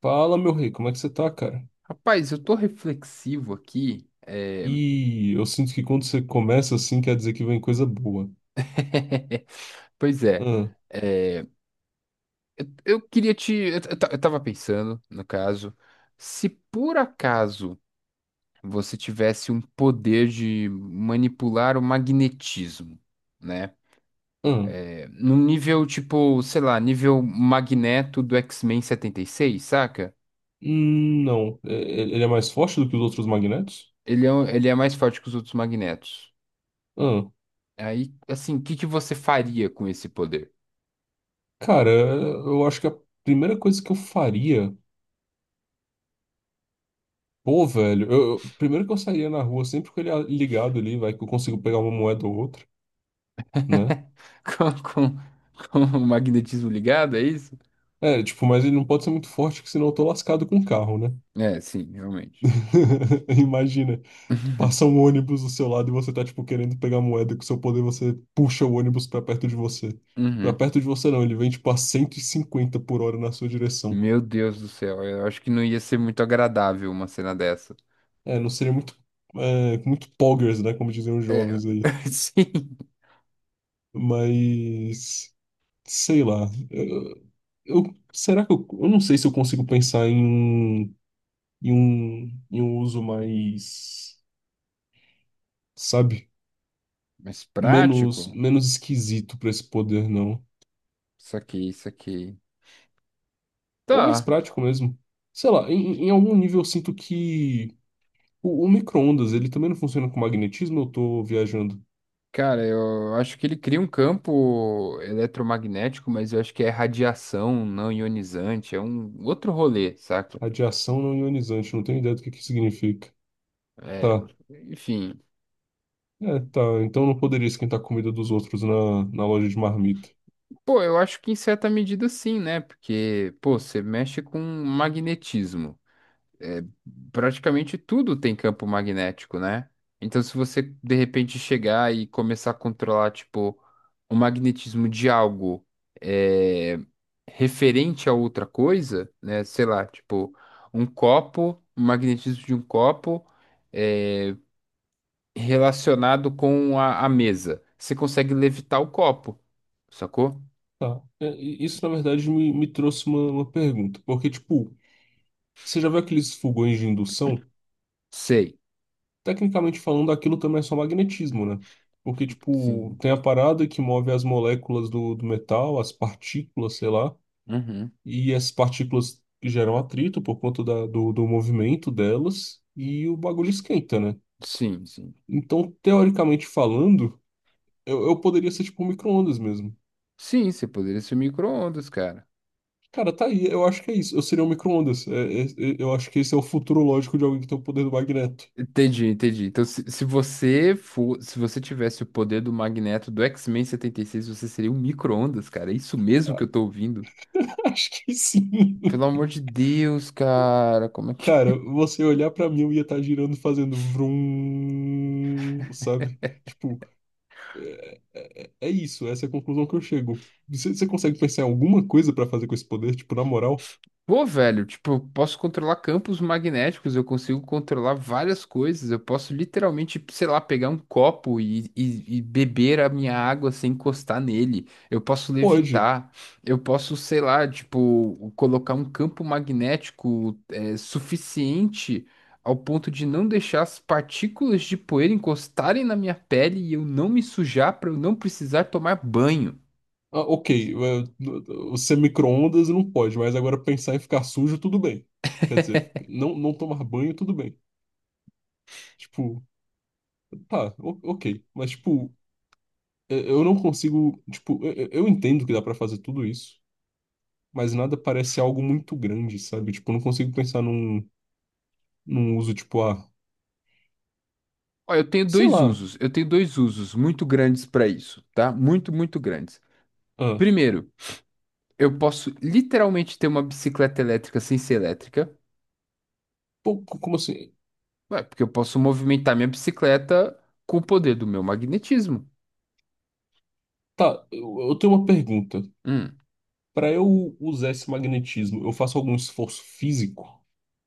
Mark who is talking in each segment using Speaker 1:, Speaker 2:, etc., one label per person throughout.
Speaker 1: Fala, meu rei, como é que você tá, cara?
Speaker 2: Rapaz, eu tô reflexivo aqui.
Speaker 1: E eu sinto que quando você começa assim, quer dizer que vem coisa boa.
Speaker 2: Pois é,
Speaker 1: Ah,
Speaker 2: é, eu queria te. Eu ta- eu tava pensando, no caso, se por acaso você tivesse um poder de manipular o magnetismo, né?
Speaker 1: ah,
Speaker 2: No nível tipo, sei lá, nível Magneto do X-Men 76, saca?
Speaker 1: não. Ele é mais forte do que os outros magnetos?
Speaker 2: Ele é mais forte que os outros Magnetos.
Speaker 1: Ah,
Speaker 2: Aí, assim, o que que você faria com esse poder?
Speaker 1: cara, eu acho que a primeira coisa que eu faria. Pô, velho, primeiro que eu sairia na rua sempre com ligado ali, vai que eu consigo pegar uma moeda ou outra, né?
Speaker 2: Com, com, com o magnetismo ligado, é isso?
Speaker 1: É, tipo, mas ele não pode ser muito forte, que senão eu tô lascado com o carro, né?
Speaker 2: É, sim, realmente.
Speaker 1: Imagina. Passa um ônibus do seu lado e você tá, tipo, querendo pegar moeda com seu poder, você puxa o ônibus pra perto de você.
Speaker 2: Uhum.
Speaker 1: Pra
Speaker 2: Uhum.
Speaker 1: perto de você não, ele vem, tipo, a 150 por hora na sua direção.
Speaker 2: Meu Deus do céu, eu acho que não ia ser muito agradável uma cena dessa.
Speaker 1: É, não seria é, muito poggers, né, como diziam os
Speaker 2: É,
Speaker 1: jovens aí.
Speaker 2: sim.
Speaker 1: Mas, sei lá, será que eu não sei se eu consigo pensar em em um uso mais, sabe,
Speaker 2: Mas
Speaker 1: menos,
Speaker 2: prático?
Speaker 1: menos esquisito pra esse poder, não.
Speaker 2: Saquei, saquei.
Speaker 1: Ou mais
Speaker 2: Tá,
Speaker 1: prático mesmo. Sei lá, em algum nível eu sinto que o micro-ondas, ele também não funciona com magnetismo, eu tô viajando.
Speaker 2: cara, eu acho que ele cria um campo eletromagnético, mas eu acho que é radiação não ionizante, é um outro rolê, saca?
Speaker 1: Radiação não ionizante, não tenho ideia do que significa.
Speaker 2: É,
Speaker 1: Tá.
Speaker 2: enfim.
Speaker 1: É, tá. Então não poderia esquentar a comida dos outros na loja de marmita.
Speaker 2: Pô, eu acho que em certa medida sim, né? Porque, pô, você mexe com magnetismo. É, praticamente tudo tem campo magnético, né? Então, se você de repente chegar e começar a controlar, tipo, o magnetismo de algo é, referente a outra coisa, né? Sei lá, tipo, um copo, o magnetismo de um copo é, relacionado com a mesa. Você consegue levitar o copo, sacou?
Speaker 1: Tá. É, e isso, na verdade, me trouxe uma pergunta. Porque, tipo, você já viu aqueles fogões de indução?
Speaker 2: Sei.
Speaker 1: Tecnicamente falando, aquilo também é só magnetismo, né? Porque, tipo,
Speaker 2: Sim.
Speaker 1: tem a parada que move as moléculas do metal, as partículas, sei lá.
Speaker 2: Uhum.
Speaker 1: E as partículas que geram atrito por conta do movimento delas, e o bagulho esquenta, né?
Speaker 2: Sim, sim.
Speaker 1: Então, teoricamente falando, eu poderia ser tipo um micro-ondas mesmo.
Speaker 2: Sim, você poderia ser micro-ondas, cara.
Speaker 1: Cara, tá aí, eu acho que é isso. Eu seria um micro-ondas. Eu acho que esse é o futuro lógico de alguém que tem o poder do magneto.
Speaker 2: Entendi, entendi. Então, se você tivesse o poder do Magneto do X-Men 76, você seria um micro-ondas, cara. É isso mesmo que eu tô ouvindo.
Speaker 1: Acho que sim.
Speaker 2: Pelo amor de Deus, cara. Como é que.
Speaker 1: Cara, você olhar pra mim, eu ia estar girando, fazendo vrum, sabe? Tipo, é é isso, essa é a conclusão que eu chego. Você consegue pensar em alguma coisa pra fazer com esse poder, tipo, na moral?
Speaker 2: Pô, velho, tipo, eu posso controlar campos magnéticos, eu consigo controlar várias coisas, eu posso literalmente, sei lá, pegar um copo e beber a minha água sem encostar nele, eu posso
Speaker 1: Pode.
Speaker 2: levitar, eu posso, sei lá, tipo, colocar um campo magnético suficiente ao ponto de não deixar as partículas de poeira encostarem na minha pele e eu não me sujar para eu não precisar tomar banho.
Speaker 1: Ah, ok, ser micro-ondas não pode, mas agora pensar em ficar sujo, tudo bem. Quer dizer, não, não tomar banho, tudo bem. Tipo, tá, ok. Mas, tipo, eu não consigo. Tipo, eu entendo que dá pra fazer tudo isso, mas nada parece algo muito grande, sabe? Tipo, eu não consigo pensar num uso, tipo, ah,
Speaker 2: Ó, eu tenho
Speaker 1: sei
Speaker 2: dois
Speaker 1: lá.
Speaker 2: usos. Eu tenho dois usos muito grandes para isso, tá? Muito, muito grandes.
Speaker 1: Ah,
Speaker 2: Primeiro, eu posso literalmente ter uma bicicleta elétrica sem ser elétrica.
Speaker 1: pô, como assim?
Speaker 2: Ué, porque eu posso movimentar minha bicicleta com o poder do meu magnetismo.
Speaker 1: Tá, eu tenho uma pergunta.
Speaker 2: Hum.
Speaker 1: Pra eu usar esse magnetismo, eu faço algum esforço físico?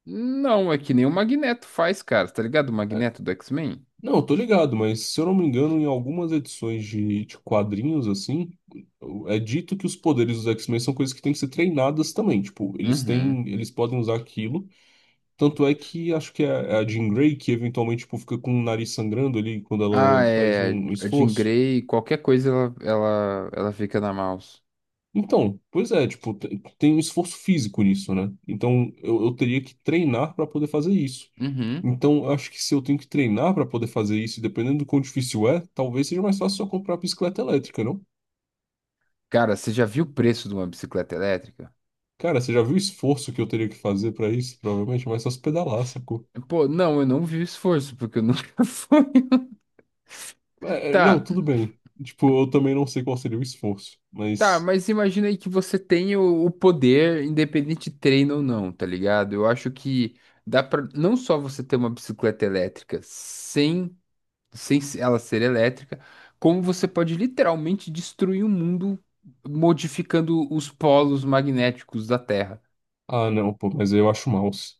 Speaker 2: Não, é que nem o Magneto faz, cara, tá ligado? O Magneto do X-Men?
Speaker 1: Não, eu tô ligado, mas se eu não me engano, em algumas edições de quadrinhos, assim, é dito que os poderes dos X-Men são coisas que têm que ser treinadas também. Tipo, eles
Speaker 2: Uhum.
Speaker 1: têm, eles podem usar aquilo. Tanto é que acho que é a Jean Grey que eventualmente, tipo, fica com o nariz sangrando ali quando
Speaker 2: Ah,
Speaker 1: ela faz
Speaker 2: é.
Speaker 1: um
Speaker 2: A Jean
Speaker 1: esforço.
Speaker 2: Grey, qualquer coisa ela fica na mouse.
Speaker 1: Então, pois é, tipo, tem um esforço físico nisso, né? Então eu teria que treinar pra poder fazer isso.
Speaker 2: Uhum.
Speaker 1: Então, eu acho que se eu tenho que treinar para poder fazer isso, e dependendo do quão difícil é, talvez seja mais fácil só comprar a bicicleta elétrica, não?
Speaker 2: Cara, você já viu o preço de uma bicicleta elétrica?
Speaker 1: Cara, você já viu o esforço que eu teria que fazer para isso? Provavelmente é mais fácil pedalar, sacou?
Speaker 2: Pô, não, eu não vi o esforço, porque eu nunca fui.
Speaker 1: Não,
Speaker 2: Tá,
Speaker 1: tudo bem. Tipo, eu também não sei qual seria o esforço,
Speaker 2: tá,
Speaker 1: mas.
Speaker 2: mas imagina aí que você tem o poder, independente de treino ou não, tá ligado? Eu acho que dá pra não só você ter uma bicicleta elétrica sem ela ser elétrica, como você pode literalmente destruir o mundo modificando os polos magnéticos da Terra.
Speaker 1: Ah, não, pô, mas eu acho mouse.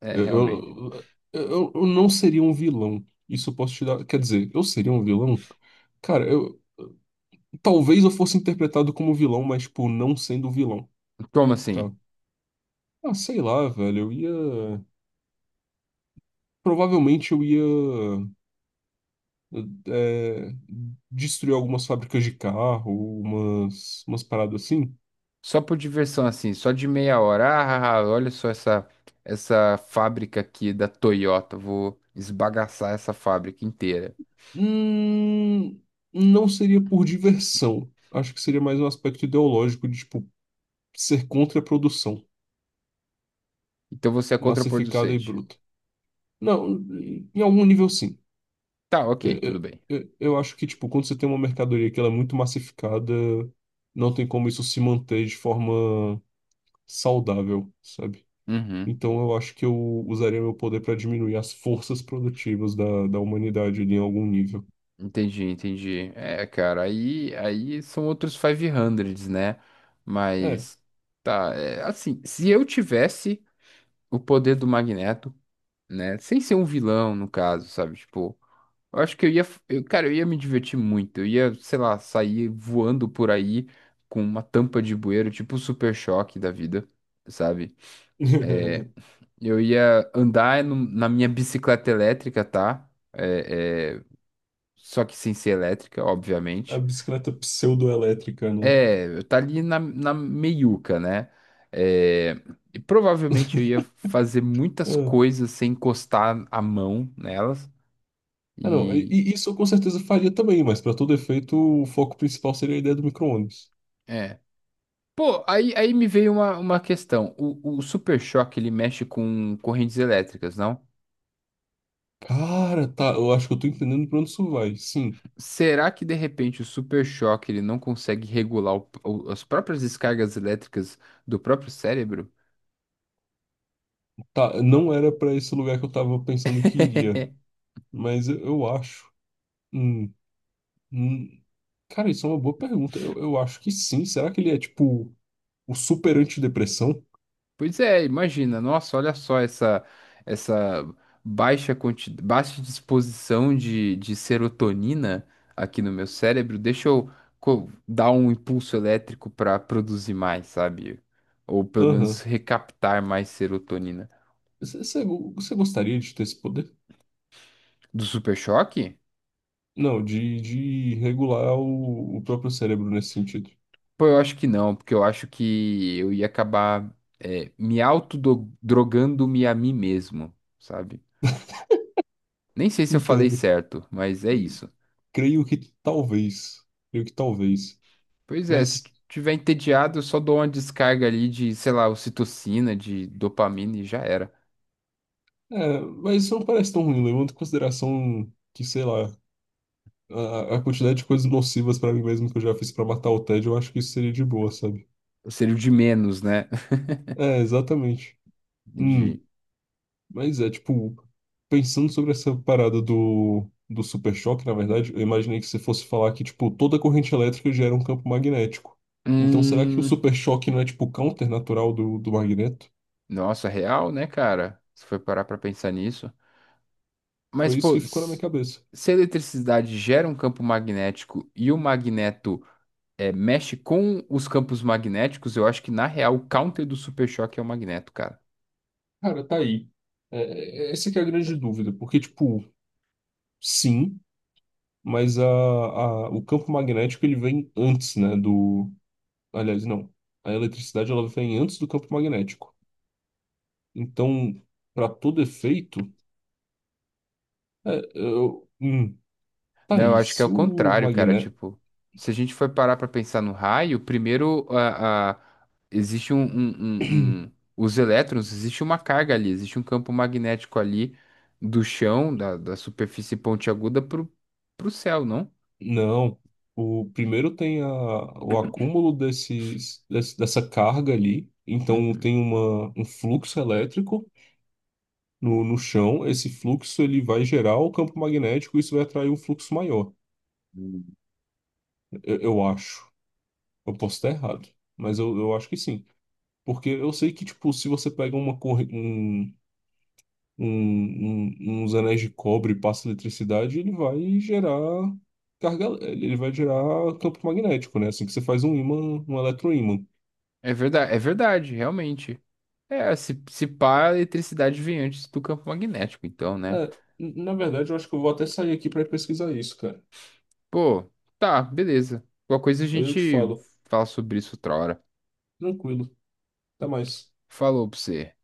Speaker 2: É,
Speaker 1: Eu,
Speaker 2: realmente.
Speaker 1: eu, eu não seria um vilão. Isso eu posso te dar. Quer dizer, eu seria um vilão? Cara, eu talvez eu fosse interpretado como vilão, mas, tipo, não sendo vilão,
Speaker 2: Como assim?
Speaker 1: tá? Ah, sei lá, velho, eu ia. Provavelmente eu ia eh, destruir algumas fábricas de carro, umas paradas assim.
Speaker 2: Só por diversão, assim, só de meia hora. Ah, ah, ah, olha só essa fábrica aqui da Toyota. Vou esbagaçar essa fábrica inteira.
Speaker 1: Hum, não seria por diversão. Acho que seria mais um aspecto ideológico de, tipo, ser contra a produção
Speaker 2: Então você é
Speaker 1: massificada e
Speaker 2: contraproducente.
Speaker 1: bruta. Não, em algum nível sim.
Speaker 2: Tá, ok,
Speaker 1: Eh,
Speaker 2: tudo
Speaker 1: eh,
Speaker 2: bem.
Speaker 1: Eu acho que, tipo, quando você tem uma mercadoria que ela é muito massificada, não tem como isso se manter de forma saudável, sabe?
Speaker 2: Uhum,
Speaker 1: Então eu acho que eu usaria meu poder para diminuir as forças produtivas da humanidade ali em algum nível.
Speaker 2: entendi, entendi. É, cara, aí são outros 500, né?
Speaker 1: É.
Speaker 2: Mas, tá, é, assim, se eu tivesse o poder do Magneto, né? Sem ser um vilão, no caso, sabe? Tipo. Eu acho que cara, eu ia me divertir muito. Eu ia, sei lá, sair voando por aí com uma tampa de bueiro, tipo o Super Choque da vida, sabe? É, eu ia andar na minha bicicleta elétrica, tá? Só que sem ser elétrica,
Speaker 1: A
Speaker 2: obviamente.
Speaker 1: bicicleta pseudoelétrica, né?
Speaker 2: É, eu tá ali na, na meiuca, né? É, e provavelmente eu ia fazer muitas
Speaker 1: Ah,
Speaker 2: coisas sem encostar a mão nelas.
Speaker 1: não.
Speaker 2: E.
Speaker 1: E isso eu com certeza faria também, mas para todo efeito, o foco principal seria a ideia do micro-ônibus.
Speaker 2: é. Pô, aí me veio uma questão. O Super Choque, ele mexe com correntes elétricas, não?
Speaker 1: Cara, tá, eu acho que eu tô entendendo pra onde isso vai. Sim,
Speaker 2: Será que, de repente, o Super Choque, ele não consegue regular as próprias descargas elétricas do próprio cérebro?
Speaker 1: tá, não era pra esse lugar que eu tava pensando que iria, mas eu acho. Hum, hum. Cara, isso é uma boa pergunta. Eu acho que sim. Será que ele é tipo o super antidepressão?
Speaker 2: Pois é, imagina, nossa, olha só essa baixa disposição de serotonina aqui no meu cérebro, deixa eu dar um impulso elétrico para produzir mais, sabe? Ou pelo
Speaker 1: Aham.
Speaker 2: menos recaptar mais serotonina.
Speaker 1: Você gostaria de ter esse poder?
Speaker 2: Do super choque?
Speaker 1: Não, de regular o próprio cérebro nesse sentido.
Speaker 2: Pô, eu acho que não, porque eu acho que eu ia acabar me autodrogando-me a mim mesmo, sabe? Nem sei se eu falei
Speaker 1: Entendo.
Speaker 2: certo, mas é
Speaker 1: Eh,
Speaker 2: isso.
Speaker 1: Creio que talvez. Creio que talvez.
Speaker 2: Pois é, se
Speaker 1: Mas,
Speaker 2: tiver entediado, eu só dou uma descarga ali de, sei lá, ocitocina, de dopamina e já era.
Speaker 1: é, mas isso não parece tão ruim, levando em consideração que, sei lá, a quantidade de coisas nocivas pra mim mesmo que eu já fiz pra matar o tédio, eu acho que isso seria de boa, sabe?
Speaker 2: Eu seria o de menos, né?
Speaker 1: É, exatamente. Hum,
Speaker 2: De.
Speaker 1: mas é, tipo, pensando sobre essa parada do super choque, na verdade, eu imaginei que você fosse falar que, tipo, toda corrente elétrica gera um campo magnético. Então, será que o
Speaker 2: Hum.
Speaker 1: super choque não é, tipo, counter natural do magneto?
Speaker 2: Nossa, real, né, cara? Se for parar pra pensar nisso. Mas,
Speaker 1: Foi isso
Speaker 2: pô,
Speaker 1: que ficou na minha cabeça.
Speaker 2: se a eletricidade gera um campo magnético e o magneto mexe com os campos magnéticos, eu acho que, na real, o counter do super choque é o magneto, cara.
Speaker 1: Cara, tá aí. Essa que é a grande dúvida, porque, tipo, sim, mas o campo magnético, ele vem antes, né, do... Aliás, não. A eletricidade ela vem antes do campo magnético. Então, para todo efeito, é, é, eu, hum, tá
Speaker 2: Não, eu
Speaker 1: aí.
Speaker 2: acho que é
Speaker 1: Se
Speaker 2: o
Speaker 1: o
Speaker 2: contrário, cara.
Speaker 1: magné...
Speaker 2: Tipo, se a gente for parar pra pensar no raio, primeiro existe os elétrons, existe uma carga ali, existe um campo magnético ali do chão, da superfície pontiaguda pro céu, não?
Speaker 1: Não. O primeiro tem a, o acúmulo desses, dessa carga ali. Então,
Speaker 2: Uhum.
Speaker 1: tem uma, um fluxo elétrico no chão. Esse fluxo ele vai gerar o campo magnético e isso vai atrair um fluxo maior.
Speaker 2: Hum.
Speaker 1: Eu acho. Eu posso estar errado, mas eu acho que sim. Porque eu sei que, tipo, se você pega uma corrente uns anéis de cobre e passa eletricidade, ele vai gerar carga, ele vai gerar campo magnético, né? Assim que você faz um ímã, um eletroímã.
Speaker 2: É verdade, realmente. É, se pá, a eletricidade vem antes do campo magnético, então, né?
Speaker 1: É, na verdade, eu acho que eu vou até sair aqui para pesquisar isso, cara.
Speaker 2: Pô, tá, beleza. Qualquer coisa a
Speaker 1: Eu te
Speaker 2: gente
Speaker 1: falo.
Speaker 2: fala sobre isso outra hora.
Speaker 1: Tranquilo. Até mais.
Speaker 2: Falou pra você.